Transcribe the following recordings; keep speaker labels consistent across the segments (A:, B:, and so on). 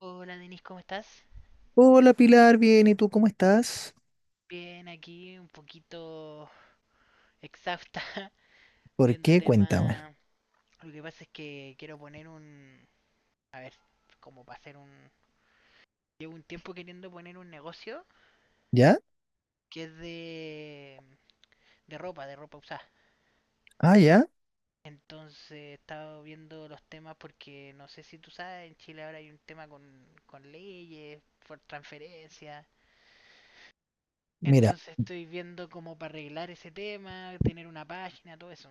A: Hola Denise, ¿cómo estás?
B: Hola Pilar, bien, ¿y tú cómo estás?
A: Bien, aquí un poquito exhausta
B: ¿Por
A: viendo
B: qué? Cuéntame.
A: temas. Lo que pasa es que quiero poner un... A ver, como para hacer un... Llevo un tiempo queriendo poner un negocio
B: ¿Ya?
A: que es de ropa, de ropa usada.
B: Ah, ya.
A: Entonces he estado viendo los temas porque no sé si tú sabes, en Chile ahora hay un tema con leyes, por transferencia.
B: Mira,
A: Entonces estoy viendo como para arreglar ese tema, tener una página, todo eso.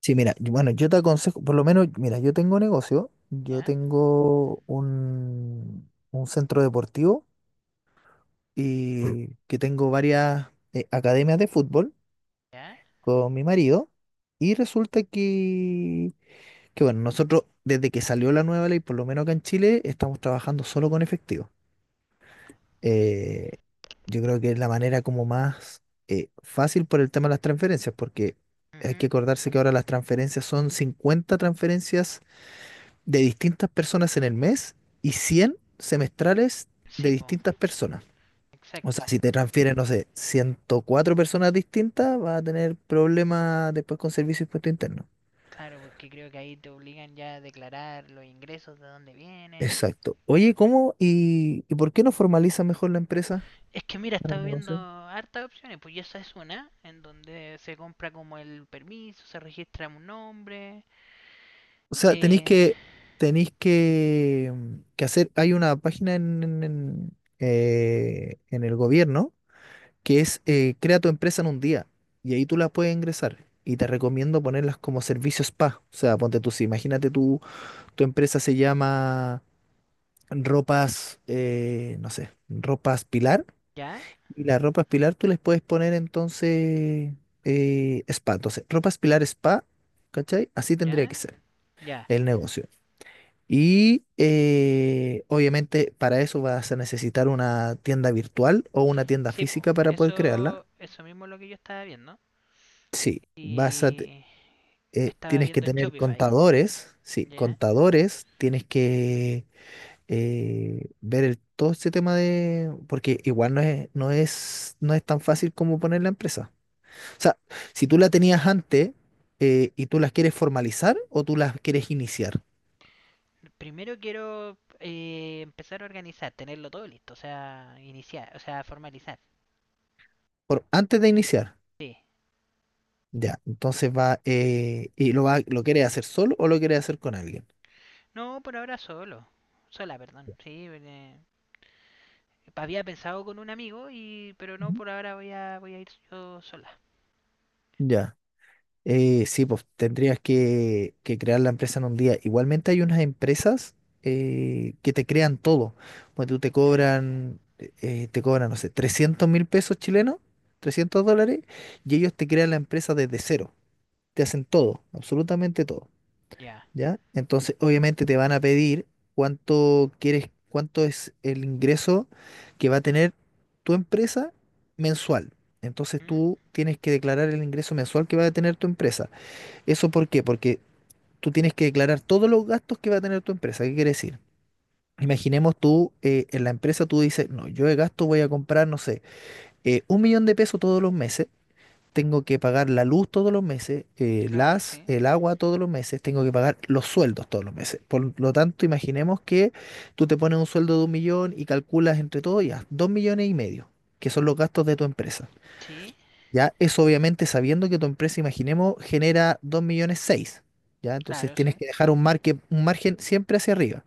B: sí, mira, yo te aconsejo, por lo menos, mira, yo tengo negocio, yo
A: ¿Ya?
B: tengo un centro deportivo y que tengo varias academias de fútbol
A: ¿Ya?
B: con mi marido y resulta que, bueno, nosotros desde que salió la nueva ley, por lo menos acá en Chile, estamos trabajando solo con efectivo. eh, yo creo que es la manera como más fácil por el tema de las transferencias, porque hay que
A: Ujú.
B: acordarse que ahora las transferencias son 50 transferencias de distintas personas en el mes y 100 semestrales de
A: Sí, po,
B: distintas personas. O sea,
A: exacto.
B: si te transfieren, no sé, 104 personas distintas, vas a tener problemas después con servicio y impuesto interno.
A: Claro, porque creo que ahí te obligan ya a declarar los ingresos de dónde vienen.
B: Exacto. Oye, ¿cómo y por qué no formaliza mejor la empresa
A: Es que mira,
B: para
A: estaba
B: el
A: viendo
B: negocio?
A: hartas opciones, pues, y esa es una, en donde se compra como el permiso, se registra un nombre.
B: O sea, tenéis
A: Eh,
B: que, tenéis que, mm, que hacer, hay una página en el gobierno que es Crea tu empresa en un día y ahí tú la puedes ingresar y te recomiendo ponerlas como servicio spa. O sea, ponte tú, si imagínate tú, tu empresa se llama Ropas, no sé, Ropas Pilar
A: ya,
B: y las Ropas Pilar tú les puedes poner entonces spa. Entonces, Ropas Pilar Spa, ¿cachai? Así tendría que
A: ya,
B: ser
A: ya.
B: el negocio. Y obviamente para eso vas a necesitar una tienda virtual o una tienda
A: Sí, pues,
B: física para poder crearla.
A: eso mismo es lo que yo estaba viendo.
B: Sí,
A: Y me estaba
B: tienes que
A: viendo en
B: tener
A: Shopify,
B: contadores, sí,
A: ¿ya?
B: contadores, tienes que ver todo este tema de, porque igual no es tan fácil como poner la empresa. O sea, si tú la tenías antes y tú las quieres formalizar o tú las quieres iniciar,
A: Primero quiero empezar a organizar, tenerlo todo listo, o sea, iniciar, o sea, formalizar.
B: antes de iniciar.
A: Sí.
B: Ya, entonces ¿y lo quieres hacer solo o lo quieres hacer con alguien?
A: No, por ahora solo. Sola, perdón. Sí, había pensado con un amigo, y pero no,
B: Ujú.
A: por ahora voy a ir yo sola.
B: Ya. Sí, pues tendrías que crear la empresa en un día. Igualmente hay unas empresas que te crean todo. Pues tú te
A: ¿Eh?
B: cobran, no sé, 300.000 pesos chilenos, 300
A: ¿Mm?
B: dólares, y ellos te crean la empresa desde cero. Te hacen todo, absolutamente todo.
A: Ya.
B: ¿Ya? Entonces, obviamente te van a pedir cuánto quieres, cuánto es el ingreso que va a tener tu empresa mensual. Entonces,
A: ¿Mm?
B: tú tienes que declarar el ingreso mensual que va a tener tu empresa. ¿Eso por qué? Porque tú tienes que declarar todos los gastos que va a tener tu empresa. ¿Qué quiere decir? Imaginemos tú, en la empresa tú dices, no, yo de gasto voy a comprar, no sé, 1 millón de pesos todos los meses tengo que pagar la luz todos los meses,
A: Claro, sí.
B: el agua todos los meses, tengo que pagar los sueldos todos los meses. Por lo tanto, imaginemos que tú te pones un sueldo de 1 millón y calculas entre todo ya, 2,5 millones, que son los gastos de tu empresa.
A: Sí,
B: Ya, eso obviamente sabiendo que tu empresa, imaginemos, genera 2,6 millones. Ya, entonces
A: claro,
B: tienes
A: sí.
B: que dejar un margen siempre hacia arriba.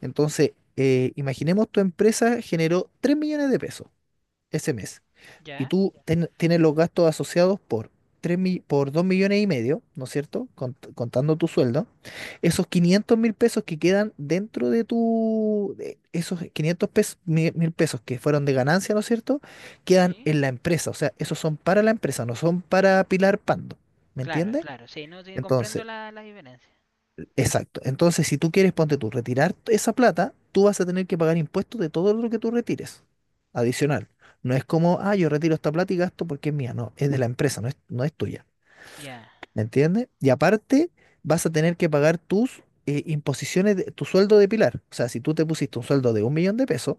B: Entonces, imaginemos tu empresa generó 3 millones de pesos ese mes y
A: Ya.
B: tú tienes los gastos asociados por 2,5 millones, ¿no es cierto? Contando tu sueldo, esos 500.000 pesos que quedan dentro de esos 500 mil pesos que fueron de ganancia, ¿no es cierto? Quedan
A: Sí.
B: en la empresa, o sea, esos son para la empresa, no son para Pilar Pando, ¿me
A: Claro,
B: entiendes?
A: claro, sí, no, sí, comprendo
B: Entonces,
A: la diferencia.
B: exacto. Entonces, si tú quieres, ponte tú, retirar esa plata, tú vas a tener que pagar impuestos de todo lo que tú retires, adicional. No es como, ah, yo retiro esta plata y gasto porque es mía. No, es de la empresa, no es tuya.
A: Ya,
B: ¿Me entiendes? Y aparte, vas a tener que pagar tus imposiciones, tu sueldo de Pilar. O sea, si tú te pusiste un sueldo de 1 millón de pesos,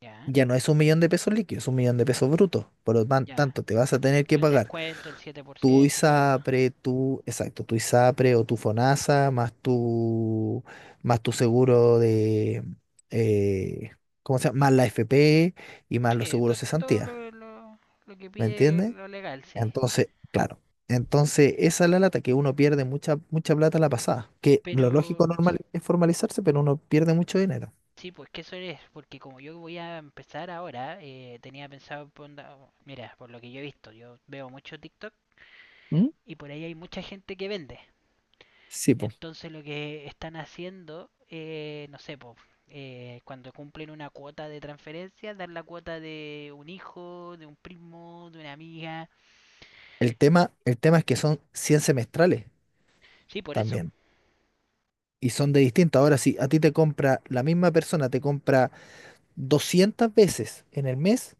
A: ya,
B: ya no es 1 millón de pesos líquido, es 1 millón de pesos brutos. Por lo
A: ya.
B: tanto, te vas a tener que
A: El
B: pagar
A: descuento, el siete por
B: tu
A: ciento, todo eso.
B: ISAPRE, tu, exacto, tu ISAPRE o tu FONASA, más tu, seguro, eh, ¿cómo se llama? Más la FP y más los
A: Sí, to-
B: seguros
A: to- todo
B: cesantía,
A: lo que
B: ¿me
A: pide
B: entiendes?
A: lo legal, sí.
B: Entonces, claro, entonces esa es la lata que uno pierde mucha, mucha plata a la pasada, que lo lógico
A: Pero
B: normal es formalizarse, pero uno pierde mucho dinero.
A: sí, pues que eso es, porque como yo voy a empezar ahora, tenía pensado, mira, por lo que yo he visto, yo veo mucho TikTok
B: ¿Mm?
A: y por ahí hay mucha gente que vende.
B: Sí, pues.
A: Entonces lo que están haciendo, no sé, pues, cuando cumplen una cuota de transferencia, dar la cuota de un hijo, de un primo, de una amiga.
B: El tema es que son 100 semestrales
A: Sí, por eso,
B: también. Y son de distintas. Ahora, si a ti te compra, la misma persona te compra 200 veces en el mes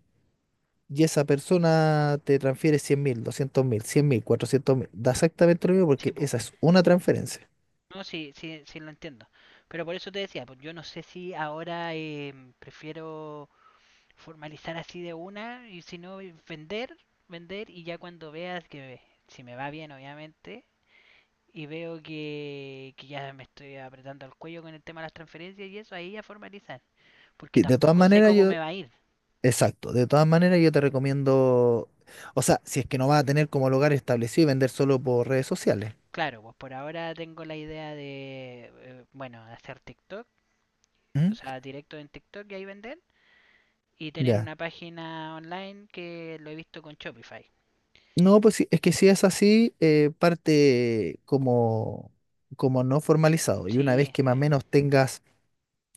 B: y esa persona te transfiere 100.000, 200.000, 100.000, 400.000. Da exactamente lo mismo
A: sí,
B: porque
A: pues,
B: esa es una transferencia.
A: no, sí, sí, sí lo entiendo. Pero por eso te decía, pues yo no sé si ahora prefiero formalizar así de una, y si no, vender, vender, y ya cuando veas que, si me va bien, obviamente, y veo que ya me estoy apretando el cuello con el tema de las transferencias y eso, ahí ya formalizar. Porque
B: Sí, de todas
A: tampoco sé
B: maneras,
A: cómo me va a ir.
B: exacto, de todas maneras yo te recomiendo, o sea, si es que no vas a tener como lugar establecido y vender solo por redes sociales.
A: Claro, pues por ahora tengo la idea de, bueno, hacer TikTok, o
B: ¿Mm?
A: sea, directo en TikTok y ahí vender. Y tener
B: Ya.
A: una página online que lo he visto con Shopify.
B: No, pues sí, es que si es así, parte como no formalizado. Y una vez
A: Sí,
B: que más
A: sí,
B: o menos tengas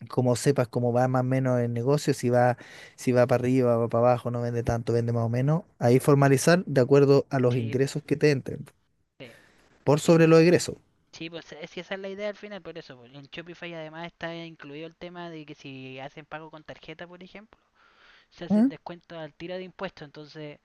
B: como sepas cómo va más o menos el negocio, si va para arriba, va para abajo, no vende tanto, vende más o menos, ahí formalizar de acuerdo a los
A: sí, pues
B: ingresos que te entren,
A: sí.
B: por sobre los
A: Y
B: egresos.
A: sí, pues es que esa es la idea al final, por eso, pues. En Shopify además está incluido el tema de que, si hacen pago con tarjeta, por ejemplo, se hace el
B: ¿Mm?
A: descuento al tiro de impuestos. Entonces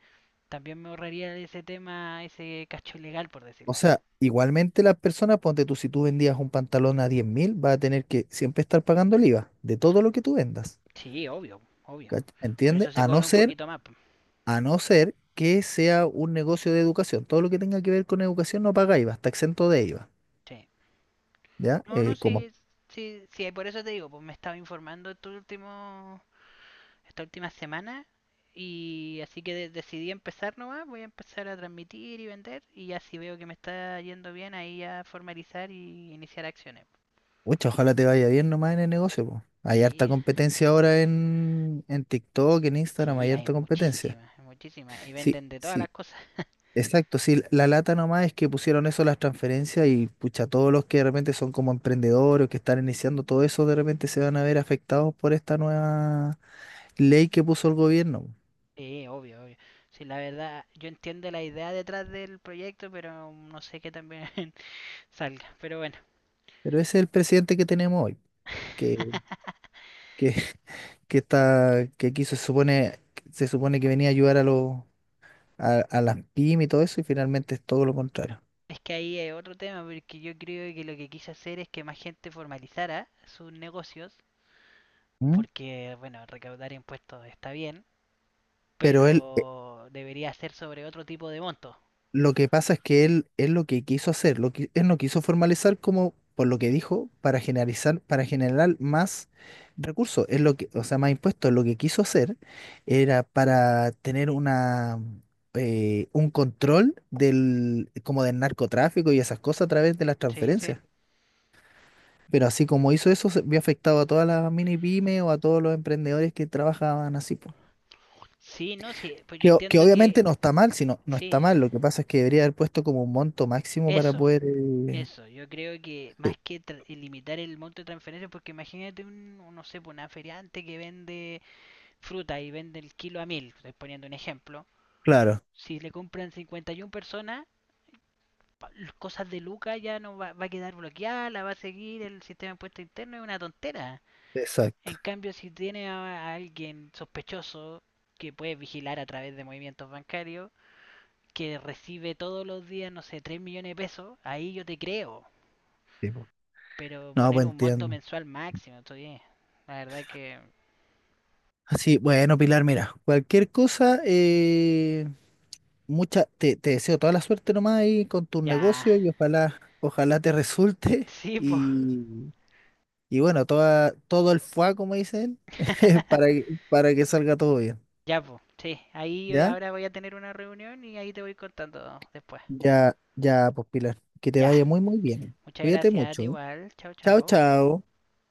A: también me ahorraría ese tema, ese cacho ilegal, por
B: O
A: decirlo así.
B: sea, igualmente las personas, ponte tú, si tú vendías un pantalón a 10.000, vas a tener que siempre estar pagando el IVA de todo lo que tú vendas.
A: Sí, obvio, obvio. Por
B: ¿Entiendes?
A: eso se
B: A no
A: cobra un
B: ser,
A: poquito más, pues.
B: a no ser que sea un negocio de educación. Todo lo que tenga que ver con educación no paga IVA, está exento de IVA,
A: Sí.
B: ¿ya?
A: No, no,
B: Como
A: sí, sí, sí, por eso te digo, pues me estaba informando estos últimos esta última semana. Y así que decidí empezar nomás, voy a empezar a transmitir y vender, y ya si veo que me está yendo bien, ahí ya formalizar y iniciar acciones.
B: Pucha, ojalá te vaya bien nomás en el negocio, po. Hay harta
A: Sí,
B: competencia ahora en TikTok, en Instagram,
A: sí,
B: hay
A: hay
B: harta competencia.
A: muchísimas, muchísimas y
B: Sí,
A: venden de todas las
B: sí,
A: cosas.
B: exacto. Sí, la lata nomás es que pusieron eso las transferencias y pucha, todos los que de repente son como emprendedores o que están iniciando todo eso, de repente se van a ver afectados por esta nueva ley que puso el gobierno, po.
A: Sí, obvio, obvio. Sí, la verdad, yo entiendo la idea detrás del proyecto, pero no sé qué también salga, pero bueno.
B: Pero ese es el presidente que tenemos hoy, que, que, que quiso, se supone, que venía a ayudar a los, a las pymes y todo eso, y finalmente es todo lo contrario.
A: Es que ahí es otro tema, porque yo creo que lo que quise hacer es que más gente formalizara sus negocios,
B: ¿Mm?
A: porque, bueno, recaudar impuestos está bien,
B: Pero él,
A: pero debería ser sobre otro tipo de monto.
B: lo que pasa es que él lo que quiso hacer, lo que, él no quiso formalizar como, por lo que dijo, para generalizar, para generar más recursos, es lo que, o sea, más impuestos. Lo que quiso hacer era para tener un control como del narcotráfico y esas cosas a través de las
A: Sí, sí.
B: transferencias. Pero así como hizo eso, se vio afectado a todas las mini pymes o a todos los emprendedores que trabajaban así, po.
A: Sí, no, sí, pues yo
B: Que
A: entiendo
B: obviamente
A: que
B: no está mal, sino no está
A: sí,
B: mal. Lo que pasa es que debería haber puesto como un monto máximo para
A: eso,
B: poder.
A: eso, yo creo que
B: Sí,
A: más que limitar el monto de transferencias, porque imagínate un, no sé, pues, una feriante que vende fruta y vende el kilo a 1.000, estoy poniendo un ejemplo,
B: claro,
A: si le compran 51 personas, las cosas de Luca ya no va, a quedar bloqueada, la va a seguir el sistema de impuestos interno, es una tontera.
B: exacto.
A: En cambio, si tiene a alguien sospechoso que puede vigilar a través de movimientos bancarios, que recibe todos los días, no sé, 3 millones de pesos, ahí yo te creo.
B: Sí, po.
A: Pero
B: No,
A: poner
B: pues
A: un monto
B: entiendo.
A: mensual máximo, estoy. La verdad que
B: Así, bueno, Pilar, mira, cualquier cosa, te deseo toda la suerte nomás ahí con tu
A: ya,
B: negocio y ojalá, ojalá te resulte.
A: sí, po.
B: Y, y bueno, todo el fuá, como dicen, para que salga todo bien.
A: Ya, po, sí. Ahí yo
B: ¿Ya?
A: ahora voy a tener una reunión y ahí te voy contando después.
B: Ya, ya, pues Pilar, que te
A: Ya,
B: vaya muy, muy bien.
A: muchas
B: Cuídate
A: gracias,
B: mucho.
A: igual. Chao,
B: Chao,
A: chao.
B: chao.